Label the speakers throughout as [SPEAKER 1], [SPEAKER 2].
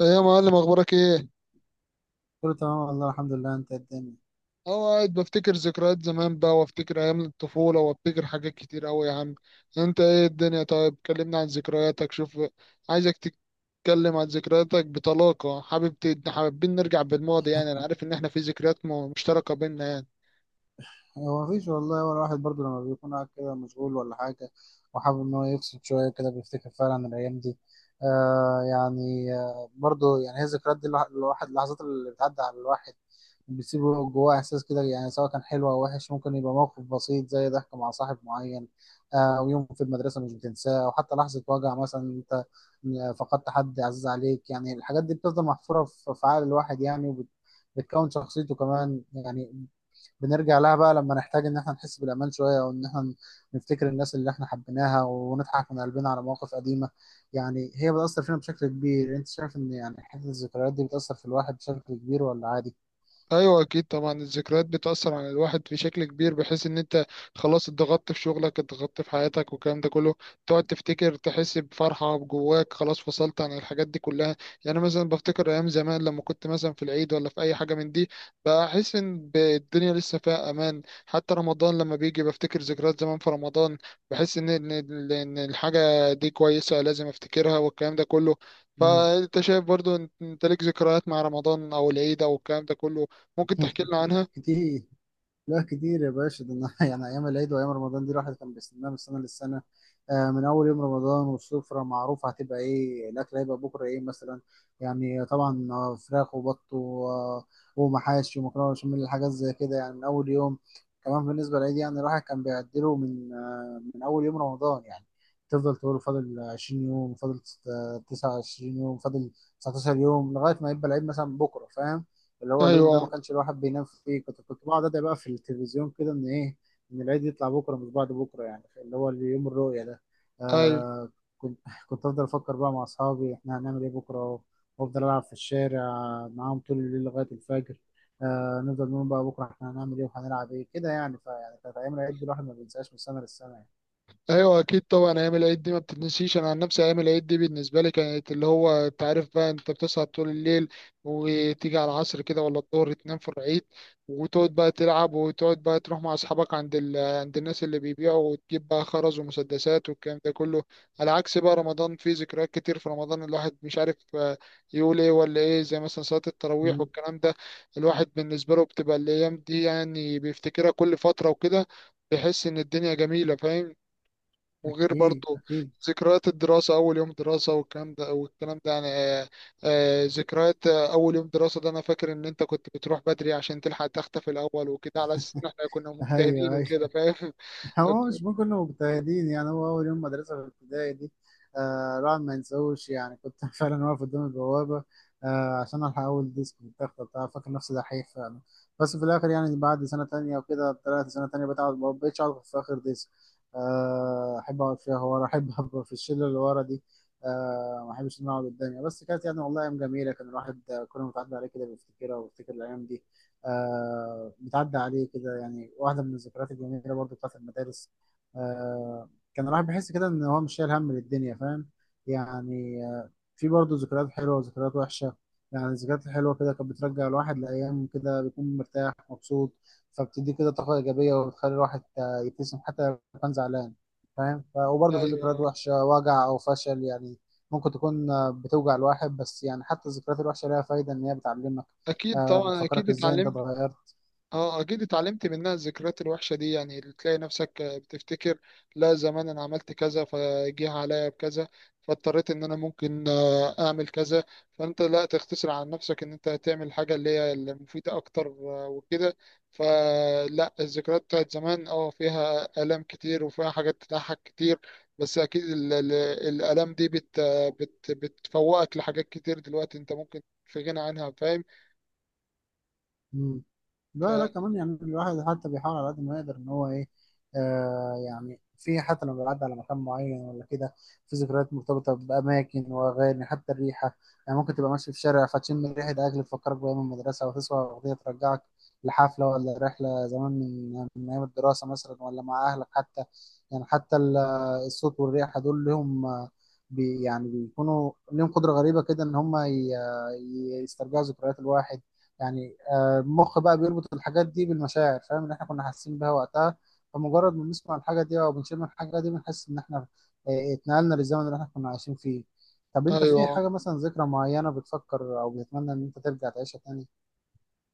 [SPEAKER 1] ايه يا معلم، اخبارك ايه؟
[SPEAKER 2] كله تمام، والله الحمد لله. انت إيه الدنيا؟
[SPEAKER 1] اهو قاعد بفتكر ذكريات زمان بقى، وافتكر ايام الطفوله، وافتكر حاجات كتير قوي يا عم. انت ايه الدنيا؟ طيب كلمنا عن ذكرياتك، شوف. عايزك تتكلم عن ذكرياتك بطلاقه. حابب حابين نرجع بالماضي، يعني انا عارف ان احنا في ذكريات مشتركه بينا يعني.
[SPEAKER 2] هو مفيش والله. هو الواحد برضه لما بيكون قاعد كده مشغول ولا حاجة، وحابب إن هو يفصل شوية كده، بيفتكر فعلا الأيام دي. يعني برضه، يعني هي الذكريات دي، اللحظات اللي بتعدي على الواحد بتسيب جواه إحساس كده، يعني سواء كان حلو أو وحش. ممكن يبقى موقف بسيط زي ضحك مع صاحب معين. ويوم في المدرسة مش بتنساه، أو حتى لحظة وجع مثلا أنت فقدت حد عزيز عليك. يعني الحاجات دي بتفضل محفورة في عقل الواحد، يعني بتكون شخصيته كمان يعني. بنرجع لها بقى لما نحتاج ان احنا نحس بالامان شويه، او ان احنا نفتكر الناس اللي احنا حبيناها، ونضحك من قلبنا على مواقف قديمه. يعني هي بتاثر فينا بشكل كبير. انت شايف ان يعني حته الذكريات دي بتاثر في الواحد بشكل كبير ولا عادي؟
[SPEAKER 1] ايوه اكيد طبعا الذكريات بتاثر على الواحد في شكل كبير، بحيث ان انت خلاص اتضغطت في شغلك، اتضغطت في حياتك والكلام ده كله، تقعد تفتكر تحس بفرحه جواك، خلاص فصلت عن الحاجات دي كلها. يعني مثلا بفتكر ايام زمان لما كنت مثلا في العيد ولا في اي حاجه من دي، بحس ان الدنيا لسه فيها امان. حتى رمضان لما بيجي بفتكر ذكريات زمان في رمضان، بحس ان إن الحاجه دي كويسه، لازم افتكرها والكلام ده كله.
[SPEAKER 2] مم.
[SPEAKER 1] فانت شايف برضو إن انت ليك ذكريات مع رمضان او العيد او الكلام ده كله؟ ممكن تحكي لنا عنها؟
[SPEAKER 2] كتير. لا كتير يا باشا، ده انا يعني ايام العيد وايام رمضان دي الواحد كان بيستناها من السنه للسنه. من اول يوم رمضان والسفره معروفه، هتبقى ايه الاكل، هيبقى بكره ايه مثلا. يعني طبعا، فراخ وبط ومحاشي ومكرونه بشاميل، حاجات زي كده يعني من اول يوم. كمان بالنسبه للعيد، يعني الواحد كان بيعدله من من اول يوم رمضان يعني. تفضل تقول فاضل 20 يوم، فاضل 29 يوم، فاضل 19 يوم، لغايه ما يبقى العيد مثلا بكره، فاهم. اللي هو اليوم ده ما
[SPEAKER 1] ايوه،
[SPEAKER 2] كانش الواحد بينام فيه. كنت بقعد ادعي بقى في التلفزيون كده، ان ايه، ان العيد يطلع بكره مش بعد بكره، يعني اللي هو يوم الرؤيه ده.
[SPEAKER 1] ايوه.
[SPEAKER 2] آه، كنت كنت افضل افكر بقى مع اصحابي احنا هنعمل ايه بكره، وافضل العب في الشارع معاهم طول الليل لغايه الفجر. آه، نفضل نقول بقى بكره احنا هنعمل ايه وهنلعب ايه، كده يعني. فيعني كانت ايام العيد دي الواحد ما بينساهاش من سنه للسنه يعني.
[SPEAKER 1] ايوه اكيد طبعا ايام العيد دي ما بتتنسيش. انا عن نفسي ايام العيد دي بالنسبه لي كانت اللي هو انت عارف بقى، انت بتصحى طول الليل وتيجي على العصر كده ولا الظهر تنام في العيد، وتقعد بقى تلعب وتقعد بقى تروح مع اصحابك عند عند الناس اللي بيبيعوا، وتجيب بقى خرز ومسدسات والكلام ده كله. على عكس بقى رمضان، فيه ذكريات كتير في رمضان. الواحد مش عارف يقول ايه ولا ايه، زي مثلا صلاه التراويح
[SPEAKER 2] مم،
[SPEAKER 1] والكلام ده. الواحد بالنسبه له بتبقى الايام دي، يعني بيفتكرها كل فتره وكده، بيحس ان الدنيا جميله، فاهم؟ وغير
[SPEAKER 2] اكيد
[SPEAKER 1] برضو
[SPEAKER 2] اكيد.
[SPEAKER 1] ذكريات الدراسة، أول يوم دراسة والكلام ده والكلام ده، يعني ذكريات أول يوم دراسة ده، أنا فاكر إن أنت كنت بتروح بدري عشان تلحق تختفي الأول وكده، على أساس إن إحنا كنا مجتهدين
[SPEAKER 2] ايوه ايوه.
[SPEAKER 1] وكده، فاهم؟
[SPEAKER 2] هو مش ممكن كنا مجتهدين، يعني هو أول يوم مدرسة في الابتدائي دي، آه، الواحد ما ينساهوش يعني. كنت فعلا واقف قدام البوابة، آه، عشان ألحق أول ديسك والتخته بتاع، فاكر نفسي دحيح فعلا. بس في الآخر يعني بعد سنة تانية وكده، طلعت سنة تانية بتقعد، ما بقتش أقعد في آخر ديسك، آه، أحب أقعد فيها ورا. أحب أبقى في الشلة اللي ورا دي، آه، ما أحبش إن أنا أقعد قدامي. بس كانت يعني والله أيام جميلة. كان الواحد كل ما بتعدي عليه كده بيفتكرها وبيفتكر الأيام دي. آه، بتعدي عليه كده، يعني واحدة من الذكريات الجميلة برضو بتاعت المدارس. آه كان الواحد بيحس كده إن هو مش شايل هم للدنيا، فاهم يعني في برضو ذكريات حلوة وذكريات وحشة. يعني الذكريات الحلوة كده كانت بترجع الواحد لأيام كده بيكون مرتاح مبسوط، فبتدي كده طاقة إيجابية وبتخلي الواحد يبتسم حتى لو كان زعلان، فاهم. وبرضه في ذكريات
[SPEAKER 1] أيوه
[SPEAKER 2] وحشة، وجع أو فشل، يعني ممكن تكون بتوجع الواحد. بس يعني حتى الذكريات الوحشة لها فايدة، إن هي بتعلمك،
[SPEAKER 1] أكيد
[SPEAKER 2] آه،
[SPEAKER 1] طبعا،
[SPEAKER 2] بتفكرك
[SPEAKER 1] أكيد
[SPEAKER 2] ازاي انت
[SPEAKER 1] اتعلمت.
[SPEAKER 2] اتغيرت.
[SPEAKER 1] اه اكيد اتعلمت منها الذكريات الوحشه دي، يعني اللي تلاقي نفسك بتفتكر: لا زمان انا عملت كذا فجه عليا بكذا، فاضطريت ان انا ممكن اعمل كذا، فانت لا تختصر عن نفسك ان انت تعمل حاجه اللي هي المفيده اكتر وكده. فلا، الذكريات بتاعت زمان اه فيها الام كتير وفيها حاجات تضحك كتير. بس اكيد الالام دي بت بت بتفوقك لحاجات كتير دلوقتي انت ممكن في غنى عنها، فاهم؟
[SPEAKER 2] لا لا، كمان يعني الواحد حتى بيحاول على قد ما يقدر ان هو ايه، يعني. في حتى لما بيعدي على مكان معين ولا كده، في ذكريات مرتبطه باماكن واغاني، حتى الريحه. يعني ممكن تبقى ماشي في شارع فتشم ريحه اكل تفكرك بايام المدرسه، او تسمع اغنيه ترجعك لحفله ولا رحله زمان من ايام الدراسه مثلا، ولا مع اهلك حتى. يعني حتى الصوت والريحه دول لهم، يعني بيكونوا لهم قدره غريبه كده ان هم يسترجعوا ذكريات الواحد. يعني المخ بقى بيربط الحاجات دي بالمشاعر، فاهم، اللي احنا كنا حاسين بيها وقتها. فمجرد ما بنسمع الحاجة دي أو بنشم الحاجة دي، بنحس إن احنا اتنقلنا للزمن اللي احنا كنا عايشين فيه. طب أنت في
[SPEAKER 1] فايوه،
[SPEAKER 2] حاجة مثلا، ذكرى معينة بتفكر أو بتتمنى إن أنت ترجع تعيشها تاني؟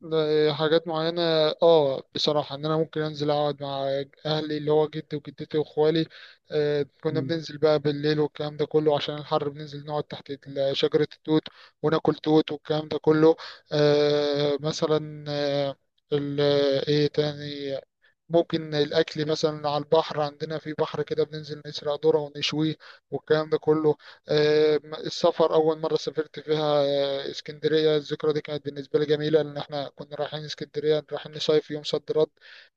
[SPEAKER 1] ده حاجات معينة. اه بصراحة ان انا ممكن انزل اقعد مع اهلي اللي هو جدي وجدتي واخوالي. آه كنا
[SPEAKER 2] مم،
[SPEAKER 1] بننزل بقى بالليل والكلام ده كله، عشان الحر بننزل نقعد تحت شجرة التوت وناكل توت والكلام ده كله. آه مثلا، ال- ايه تاني؟ ممكن الأكل مثلا على البحر، عندنا في بحر كده بننزل نسرق ذرة ونشويه والكلام ده كله. آه، السفر أول مرة سافرت فيها اسكندرية، الذكرى دي كانت بالنسبة لي جميلة، لأن احنا كنا رايحين اسكندرية، رايحين نصيف يوم صد رد.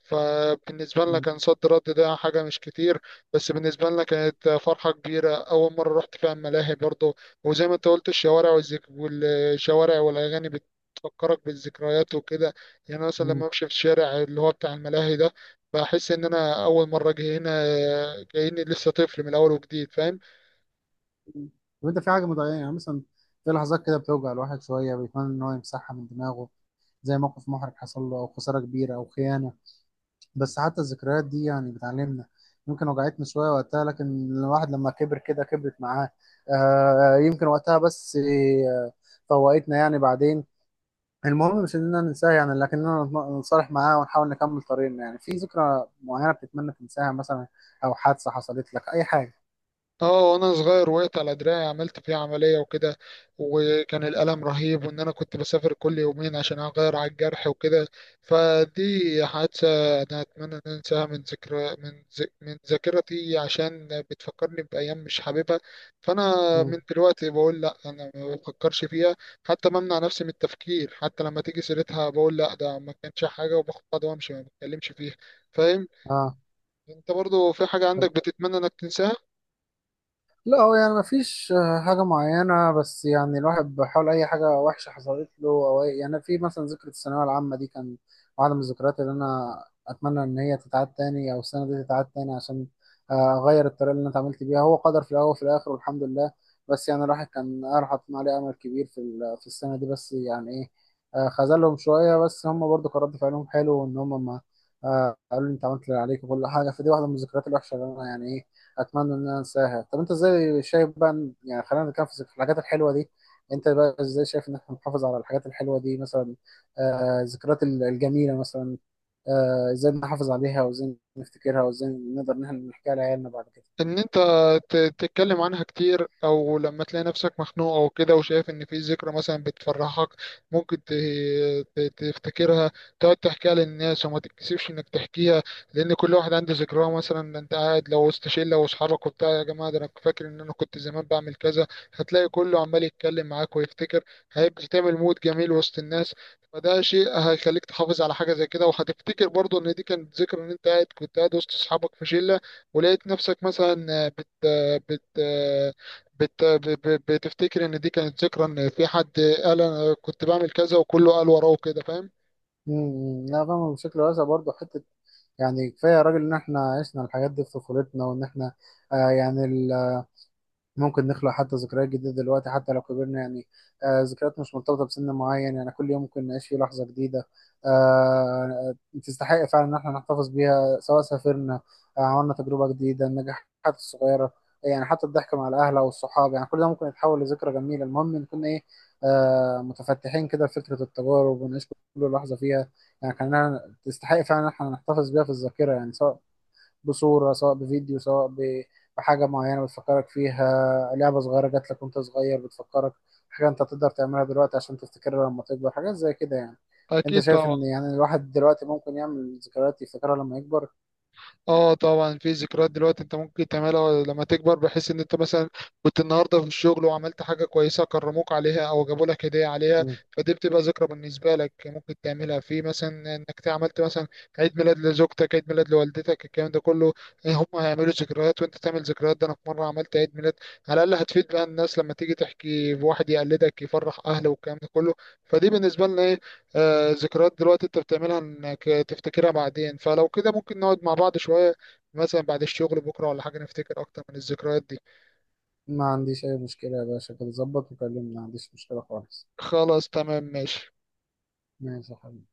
[SPEAKER 1] فبالنسبة لنا
[SPEAKER 2] مم،
[SPEAKER 1] كان صد رد ده حاجة مش كتير، بس بالنسبة لنا كانت فرحة كبيرة. أول مرة رحت فيها الملاهي برضه، وزي ما أنت قلت الشوارع والشوارع والأغاني بتفكرك بالذكريات وكده. يعني أنا مثلا لما
[SPEAKER 2] مم.
[SPEAKER 1] أمشي في الشارع اللي هو بتاع الملاهي ده، بحس ان انا اول مره اجي هنا، كاني لسه طفل من الاول وجديد، فاهم؟
[SPEAKER 2] مم. طب أنت في حاجة مضايقة يعني مثلا، في لحظات كده بتوجع الواحد شوية بيتمنى إن هو يمسحها من دماغه، زي موقف محرج حصل له أو خسارة كبيرة أو خيانة. بس حتى الذكريات دي يعني بتعلمنا. يمكن وجعتنا شوية وقتها، لكن الواحد لما كبر كده كبرت معاه، آه. يمكن وقتها بس آه، فوقتنا يعني بعدين. المهم مش اننا ننساها، يعني لكننا نتصالح معاه ونحاول نكمل طريقنا. يعني في ذكرى معينة بتتمنى تنساها مثلا، او حادثة حصلت لك اي حاجة؟
[SPEAKER 1] اه وانا صغير وقعت على دراعي، عملت فيه عملية وكده، وكان الألم رهيب، وان انا كنت بسافر كل يومين عشان اغير على الجرح وكده. فدي حادثة انا اتمنى ان أنا انساها من ذكرى من ذاكرتي، عشان بتفكرني بأيام مش حاببها. فانا
[SPEAKER 2] مم.
[SPEAKER 1] من دلوقتي بقول لا، انا ما بفكرش فيها. حتى بمنع نفسي من التفكير، حتى لما تيجي سيرتها بقول لا ده ما كانش حاجة، وباخد بعض وامشي، ما بتكلمش فيها، فاهم؟
[SPEAKER 2] اه.
[SPEAKER 1] انت برضو في حاجة عندك بتتمنى انك تنساها؟
[SPEAKER 2] لا، هو يعني مفيش حاجة معينة. بس يعني الواحد بيحاول، أي حاجة وحشة حصلت له أو أي، يعني في مثلا ذكرى الثانوية العامة دي، كان واحدة من الذكريات اللي أنا أتمنى إن هي تتعاد تاني أو السنة دي تتعاد تاني، عشان أغير الطريقة اللي أنا اتعاملت بيها. هو قدر في الأول وفي الآخر والحمد لله، بس يعني الواحد كان، أنا حاطين عليه أمل كبير في السنة دي. بس يعني إيه، خذلهم شوية. بس هم برضو كان رد فعلهم حلو، وإن هم ما، قالوا لي أنت عملت اللي عليك وكل حاجة. فدي واحدة من الذكريات الوحشة اللي أنا يعني إيه، اتمنى ان انا انساها. طب انت ازاي شايف بقى يعني خلينا نتكلم في الحاجات الحلوه دي. انت بقى ازاي شايف ان احنا نحافظ على الحاجات الحلوه دي، مثلا الذكريات الجميله مثلا. ازاي نحافظ عليها، وازاي نفتكرها، وازاي نقدر ان احنا نحكيها لعيالنا بعد كده؟
[SPEAKER 1] ان انت تتكلم عنها كتير، او لما تلاقي نفسك مخنوق او كده وشايف ان في ذكرى مثلا بتفرحك، ممكن تفتكرها، تقعد تحكيها للناس وما تتكسفش انك تحكيها، لان كل واحد عنده ذكراه. مثلا انت قاعد لو وسط شله واصحابك وبتاع: يا جماعه ده انا فاكر ان انا كنت زمان بعمل كذا، هتلاقي كله عمال يتكلم معاك ويفتكر، هيبقى تعمل مود جميل وسط الناس. فده شيء هيخليك تحافظ على حاجه زي كده، وهتفتكر برضه ان دي كانت ذكرى، ان انت قاعد كنت قاعد وسط اصحابك في شله ولقيت نفسك مثلا بت بتفتكر ان دي كانت ذكرى، ان في حد قال انا كنت بعمل كذا وكله قال وراه كده، فاهم؟
[SPEAKER 2] لا، فاهم بشكل واسع برضه. حته يعني كفايه يا راجل ان احنا عشنا الحاجات دي في طفولتنا، وان احنا يعني ممكن نخلق حتى ذكريات جديدة دلوقتي حتى لو كبرنا، يعني. آه، ذكريات مش مرتبطة بسن معين، يعني كل يوم ممكن نعيش فيه لحظة جديدة، آه، تستحق فعلا إن احنا نحتفظ بيها. سواء سافرنا، آه، عملنا تجربة جديدة، النجاحات الصغيرة، يعني حتى الضحك مع الأهل أو الصحاب، يعني كل ده ممكن يتحول لذكرى جميلة. المهم نكون إيه، متفتحين كده لفكرة التجارب، ونعيش كل لحظة فيها، يعني كأنها تستحق فعلا إن احنا نحتفظ بيها في الذاكرة. يعني سواء بصورة، سواء بفيديو، سواء بحاجة معينة بتفكرك فيها، لعبة صغيرة جات لك وانت صغير بتفكرك حاجة انت تقدر تعملها دلوقتي عشان تفتكرها لما تكبر، حاجات زي كده يعني. انت
[SPEAKER 1] اكيد
[SPEAKER 2] شايف
[SPEAKER 1] طبعا.
[SPEAKER 2] ان يعني الواحد دلوقتي ممكن يعمل ذكريات يفتكرها لما يكبر؟
[SPEAKER 1] اه طبعا في ذكريات دلوقتي انت ممكن تعملها لما تكبر، بحيث ان انت مثلا كنت النهارده في الشغل وعملت حاجه كويسه كرموك عليها او جابوا لك هديه عليها.
[SPEAKER 2] مم.
[SPEAKER 1] فدي بتبقى ذكرى بالنسبه لك، ممكن تعملها في مثلا انك عملت مثلا عيد ميلاد لزوجتك، عيد ميلاد لوالدتك، الكلام ده كله. هم هيعملوا ذكريات وانت تعمل ذكريات. ده انا في مره عملت عيد ميلاد، على الاقل هتفيد بقى الناس لما تيجي تحكي، واحد يقلدك يفرح اهله والكلام ده كله. فدي بالنسبه لنا إيه، آه، ذكريات دلوقتي انت بتعملها انك تفتكرها بعدين. فلو كده ممكن نقعد مع بعض شوية، مثلا بعد الشغل بكرة ولا حاجة، نفتكر اكتر من الذكريات دي.
[SPEAKER 2] ما عنديش اي مشكلة يا باشا، كده ظبط وكلمني، ما عنديش مشكلة خالص.
[SPEAKER 1] خلاص تمام ماشي.
[SPEAKER 2] ماشي يا حبيبي.